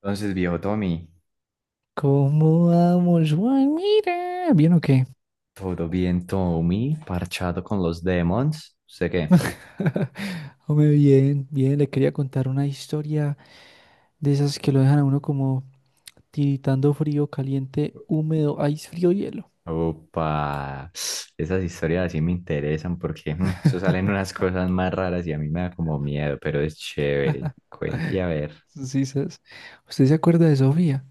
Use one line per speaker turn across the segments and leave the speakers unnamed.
Entonces, viejo Tommy,
¿Cómo vamos, Juan? Mira, ¿bien o qué?
todo bien, Tommy, parchado con los demons. ¿Usted qué?
Hombre, bien, bien, le quería contar una historia de esas que lo dejan a uno como tiritando frío, caliente, húmedo, ice, frío, hielo.
Opa, esas historias así me interesan porque eso salen unas cosas más raras y a mí me da como miedo, pero es chévere. Cuente a ver.
Sí, ¿sabes? ¿Usted se acuerda de Sofía?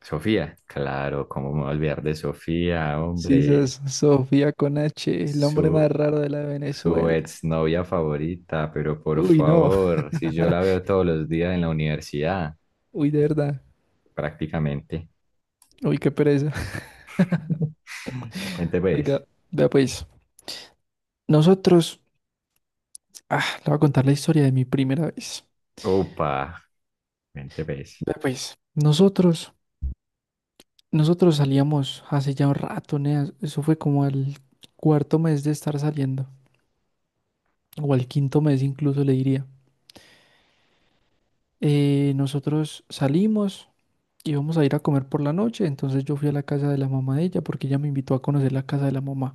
Sofía, claro, cómo me voy a olvidar de Sofía,
Sí,
hombre,
¿sabes? Sofía con H, el hombre más
su,
raro de la
su
Venezuela.
exnovia favorita, pero por
Uy, no,
favor, si yo la veo todos los días en la universidad,
uy, de verdad,
prácticamente.
uy, qué pereza.
Cuente pues.
Oiga, vea pues, nosotros, le voy a contar la historia de mi primera vez.
Opa, mente ves.
Vea pues, nosotros. Nosotros salíamos hace ya un rato, Nea. Eso fue como al cuarto mes de estar saliendo, o al quinto mes incluso le diría. Nosotros salimos, íbamos a ir a comer por la noche, entonces yo fui a la casa de la mamá de ella porque ella me invitó a conocer la casa de la mamá,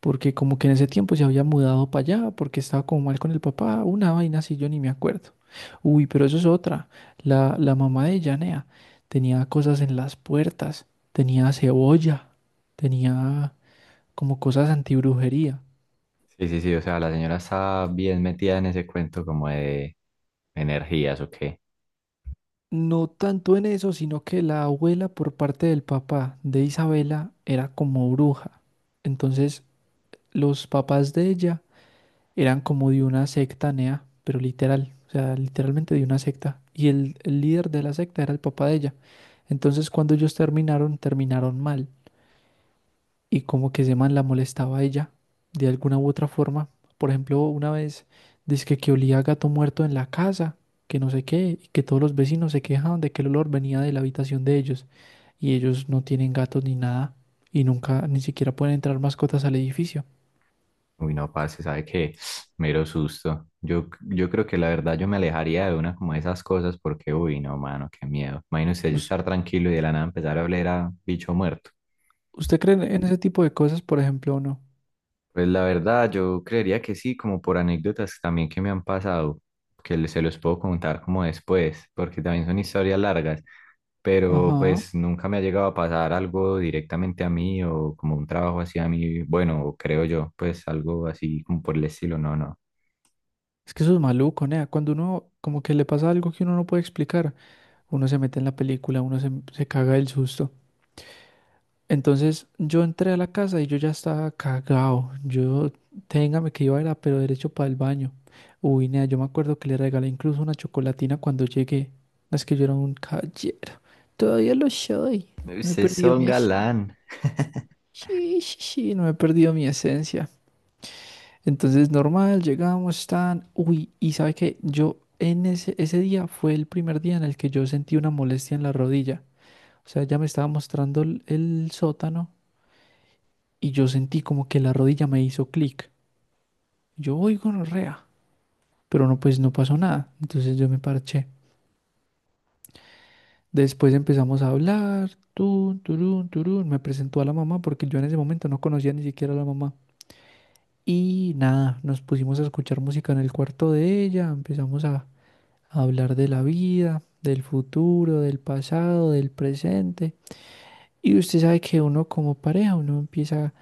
porque como que en ese tiempo se había mudado para allá, porque estaba como mal con el papá, una vaina así, yo ni me acuerdo. Uy, pero eso es otra. La mamá de ella, Nea, tenía cosas en las puertas, tenía cebolla, tenía como cosas antibrujería.
Sí, sí, sí, o sea, la señora está bien metida en ese cuento como de energías o qué.
No tanto en eso, sino que la abuela por parte del papá de Isabela era como bruja. Entonces, los papás de ella eran como de una secta nea, pero literal, o sea, literalmente de una secta. Y el líder de la secta era el papá de ella. Entonces, cuando ellos terminaron, terminaron mal. Y como que ese man la molestaba a ella de alguna u otra forma. Por ejemplo, una vez dice que olía a gato muerto en la casa, que no sé qué, y que todos los vecinos se quejaban de que el olor venía de la habitación de ellos y ellos no tienen gatos ni nada y nunca ni siquiera pueden entrar mascotas al edificio.
Uy, no, parce, ¿sabe qué? Mero susto. Yo creo que la verdad yo me alejaría de una como de esas cosas porque, uy, no, mano, qué miedo. Imagínese
¿Us-
estar tranquilo y de la nada empezar a oler a bicho muerto.
¿Usted cree en ese tipo de cosas, por ejemplo, o no?
Pues la verdad, yo creería que sí, como por anécdotas también que me han pasado, que le- se los puedo contar como después, porque también son historias largas, pero
Ajá.
pues nunca me ha llegado a pasar algo directamente a mí o como un trabajo así a mí, bueno, creo yo, pues algo así como por el estilo, no, no.
Es que eso es maluco, nea. Cuando uno como que le pasa algo que uno no puede explicar, uno se mete en la película, uno se caga del susto. Entonces yo entré a la casa y yo ya estaba cagado. Yo, téngame que iba a ir a pero derecho para el baño. Uy, nea, yo me acuerdo que le regalé incluso una chocolatina cuando llegué. Es que yo era un caballero. Todavía lo soy. No he
Ustedes
perdido
son
mi esencia.
galán.
Sí, sí, sí, no he perdido mi esencia. Entonces, normal, llegamos, tan. Uy, y sabe que yo en ese día fue el primer día en el que yo sentí una molestia en la rodilla. O sea, ya me estaba mostrando el sótano. Y yo sentí como que la rodilla me hizo clic. Yo, uy, gonorrea, pero no, pues no pasó nada. Entonces yo me parché. Después empezamos a hablar, tun, turun, turun. Me presentó a la mamá porque yo en ese momento no conocía ni siquiera a la mamá. Y nada, nos pusimos a escuchar música en el cuarto de ella, empezamos a hablar de la vida, del futuro, del pasado, del presente. Y usted sabe que uno como pareja, uno empieza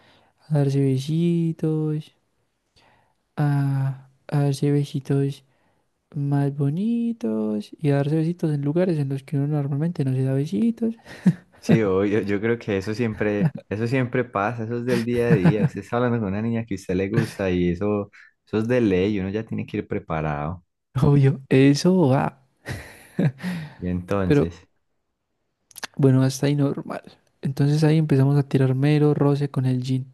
a darse besitos, a darse besitos más bonitos y darse besitos en lugares en los que uno normalmente no se da besitos.
Sí, obvio, yo creo que eso siempre pasa, eso es del día a día, usted está hablando con una niña que a usted le gusta y eso es de ley, uno ya tiene que ir preparado.
Obvio, eso va.
Y
Pero
entonces...
bueno, hasta ahí normal. Entonces ahí empezamos a tirar mero roce con el jean.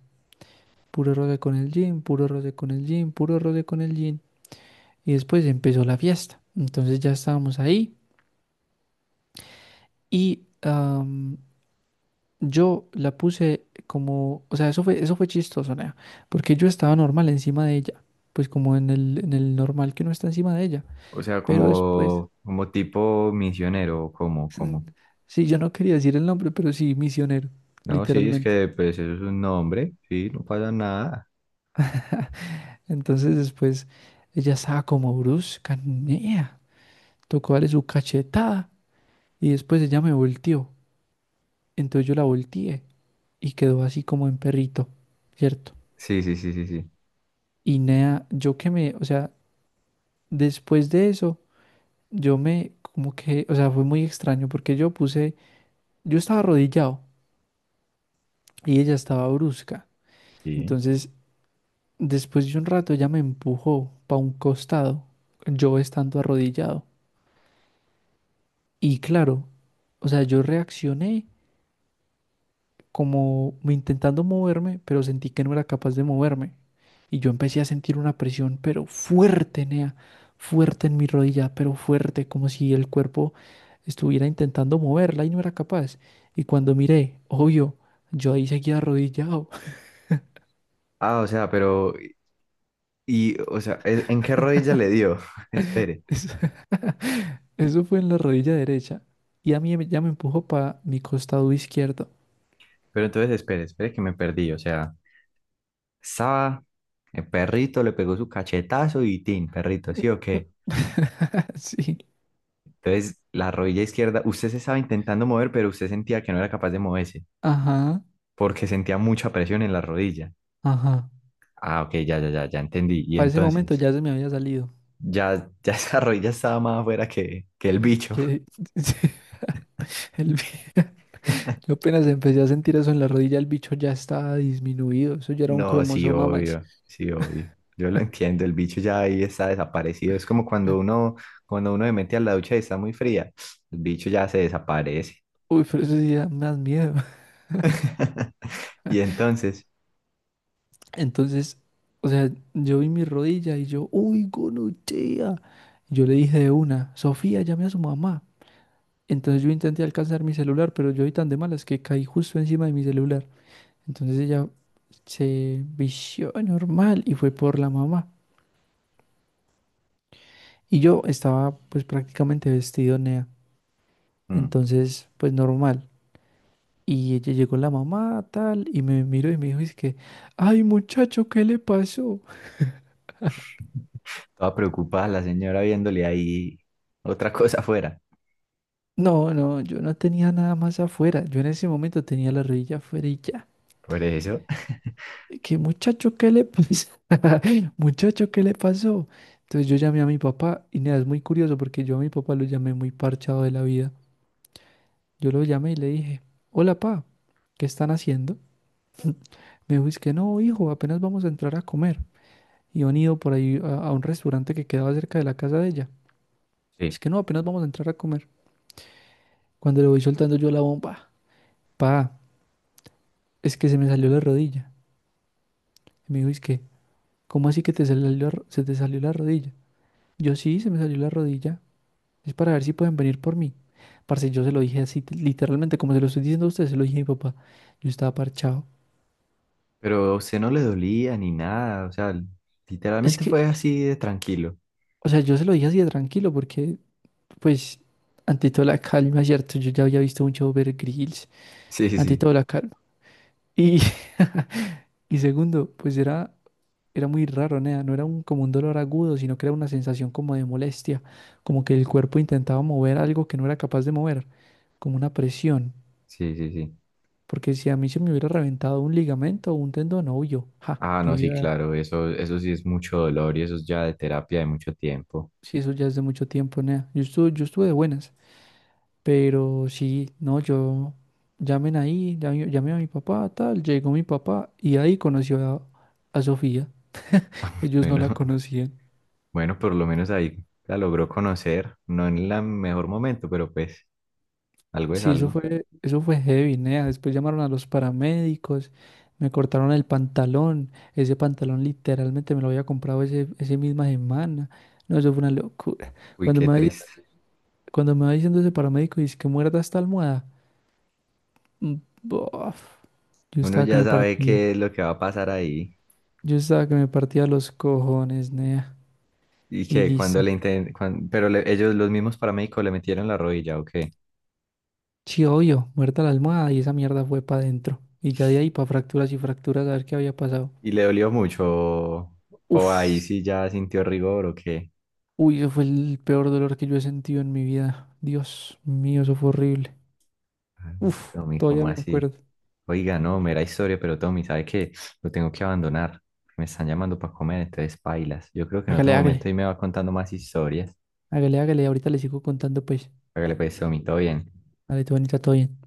Puro roce con el jean, puro roce con el jean, puro roce con el jean. Y después empezó la fiesta. Entonces ya estábamos ahí y yo la puse como, o sea, eso fue chistoso, nea, porque yo estaba normal encima de ella. Pues como en en el normal que no está encima de ella.
O sea,
Pero después...
como, como tipo misionero, como, como.
Sí, yo no quería decir el nombre, pero sí, misionero,
No, sí, es
literalmente.
que pues eso es un nombre, sí, no pasa nada.
Entonces después ella estaba como brusca, nea, tocó darle su cachetada y después ella me volteó. Entonces yo la volteé y quedó así como en perrito, ¿cierto?
Sí, sí, sí, sí, sí.
Y nea, yo que me, o sea, después de eso, yo me, como que, o sea, fue muy extraño porque yo puse, yo estaba arrodillado y ella estaba brusca.
Sí.
Entonces, después de un rato, ella me empujó para un costado, yo estando arrodillado. Y claro, o sea, yo reaccioné como intentando moverme, pero sentí que no era capaz de moverme. Y yo empecé a sentir una presión, pero fuerte, Nea, fuerte en mi rodilla, pero fuerte, como si el cuerpo estuviera intentando moverla y no era capaz. Y cuando miré, obvio, yo ahí seguía arrodillado.
Ah, o sea, pero, y, o sea, ¿es- ¿en qué rodilla le dio? Espere,
Eso, eso fue en la rodilla derecha y a mí ya me empujó para mi costado izquierdo.
pero entonces espere, espere que me perdí, o sea, estaba, el perrito le pegó su cachetazo y tin, perrito, ¿sí o qué?
Sí,
Entonces, la rodilla izquierda, usted se estaba intentando mover, pero usted sentía que no era capaz de moverse,
ajá,
porque sentía mucha presión en la rodilla.
ajá.
Ah, ok, ya, ya, ya, ya entendí. Y
Para ese momento
entonces,
ya se me había salido.
ya, ya esa rodilla estaba más afuera que el bicho.
Que- sí, el bi- Yo apenas empecé a sentir eso en la rodilla, el bicho ya estaba disminuido. Eso ya era un
No, sí,
cromosoma más.
obvio, sí, obvio. Yo lo entiendo, el bicho ya ahí está desaparecido. Es como cuando uno se mete a la ducha y está muy fría, el bicho ya se desaparece.
Uy, pero eso sí da más miedo.
Y entonces,
Entonces, o sea, yo vi mi rodilla y yo, uy, gonorrea. Yo le dije de una: Sofía, llame a su mamá. Entonces yo intenté alcanzar mi celular, pero yo vi tan de malas que caí justo encima de mi celular. Entonces ella se vició normal y fue por la mamá. Y yo estaba pues prácticamente vestido nea.
mm,
Entonces pues normal. Y ella llegó, la mamá tal, y me miró y me dijo: es que, ay, muchacho, ¿qué le pasó?
toda preocupada la señora viéndole ahí otra cosa afuera.
No, no, yo no tenía nada más afuera. Yo en ese momento tenía la rodilla afuera y ya.
Por eso.
¿Qué, muchacho, qué le pasó? Muchacho, ¿qué le pasó? Entonces yo llamé a mi papá y nada, es muy curioso porque yo a mi papá lo llamé muy parchado de la vida. Yo lo llamé y le dije, hola, pa, ¿qué están haciendo? Me dijo, es que no, hijo, apenas vamos a entrar a comer. Y han ido por ahí a un restaurante que quedaba cerca de la casa de ella. Es
Sí,
que no, apenas vamos a entrar a comer. Cuando le voy soltando yo la bomba, pa, es que se me salió la rodilla. Y me dijo, es que, ¿cómo así que te salió la ro- se te salió la rodilla? Yo sí, se me salió la rodilla. Es para ver si pueden venir por mí. Parce, yo se lo dije así, literalmente, como se lo estoy diciendo a usted, se lo dije a mi papá. Yo estaba parchado.
pero a usted no le dolía ni nada, o sea,
Es
literalmente
que,
fue así de tranquilo.
o sea, yo se lo dije así de tranquilo, porque, pues, ante toda la calma, ¿cierto? Yo ya había visto mucho Overgrills,
Sí, sí,
ante
sí,
toda la calma. Y, y segundo, pues era, muy raro, nea, no era un, como un dolor agudo, sino que era una sensación como de molestia, como que el cuerpo intentaba mover algo que no era capaz de mover, como una presión.
sí, sí, sí.
Porque si a mí se me hubiera reventado un ligamento o un tendón, no, yo, ja,
Ah,
yo
no, sí,
hubiera,
claro, eso sí es mucho dolor y eso es ya de terapia de mucho tiempo.
sí, eso ya es de mucho tiempo, nea. Yo estuve de buenas, pero sí, no, yo, llamé a mi papá, tal, llegó mi papá y ahí conoció a Sofía, ellos no
Bueno,
la conocían.
bueno, por lo menos ahí la logró conocer, no en el mejor momento, pero pues algo es
Sí, eso
algo.
fue, eso fue heavy, nea. Después llamaron a los paramédicos, me cortaron el pantalón, ese pantalón literalmente me lo había comprado ese misma semana. No, eso fue una locura.
Uy,
Cuando
qué
me, vaya-
triste.
Cuando me va diciendo ese paramédico, dice que muerda esta almohada. Mm, bof. Yo
Uno
estaba que
ya
me
sabe
partía.
qué es lo que va a pasar ahí
Yo estaba que me partía los cojones, nea.
y
Y
que cuando
listo.
le inten- cuan- pero le- ellos, los mismos paramédicos, le metieron la rodilla, ¿o qué?
Sí, obvio, muerta la almohada y esa mierda fue para adentro. Y ya de ahí para fracturas y fracturas a ver qué había pasado.
Y le dolió mucho, o ahí
Uf.
sí ya sintió rigor, ¿o qué?
Uy, eso fue el peor dolor que yo he sentido en mi vida. Dios mío, eso fue horrible.
Ay,
Uf,
Tommy,
todavía
¿cómo
me
así?
acuerdo.
Oiga, no, mera historia, pero Tommy, ¿sabe qué? Lo tengo que abandonar. Me están llamando para comer, entonces pailas. Yo creo que en otro
Hágale,
momento
hágale.
ahí me va contando más historias.
Hágale, hágale. Ahorita le sigo contando, pues.
Hágale pues, Tommy, todo bien.
Dale, tu bonita, todo bien.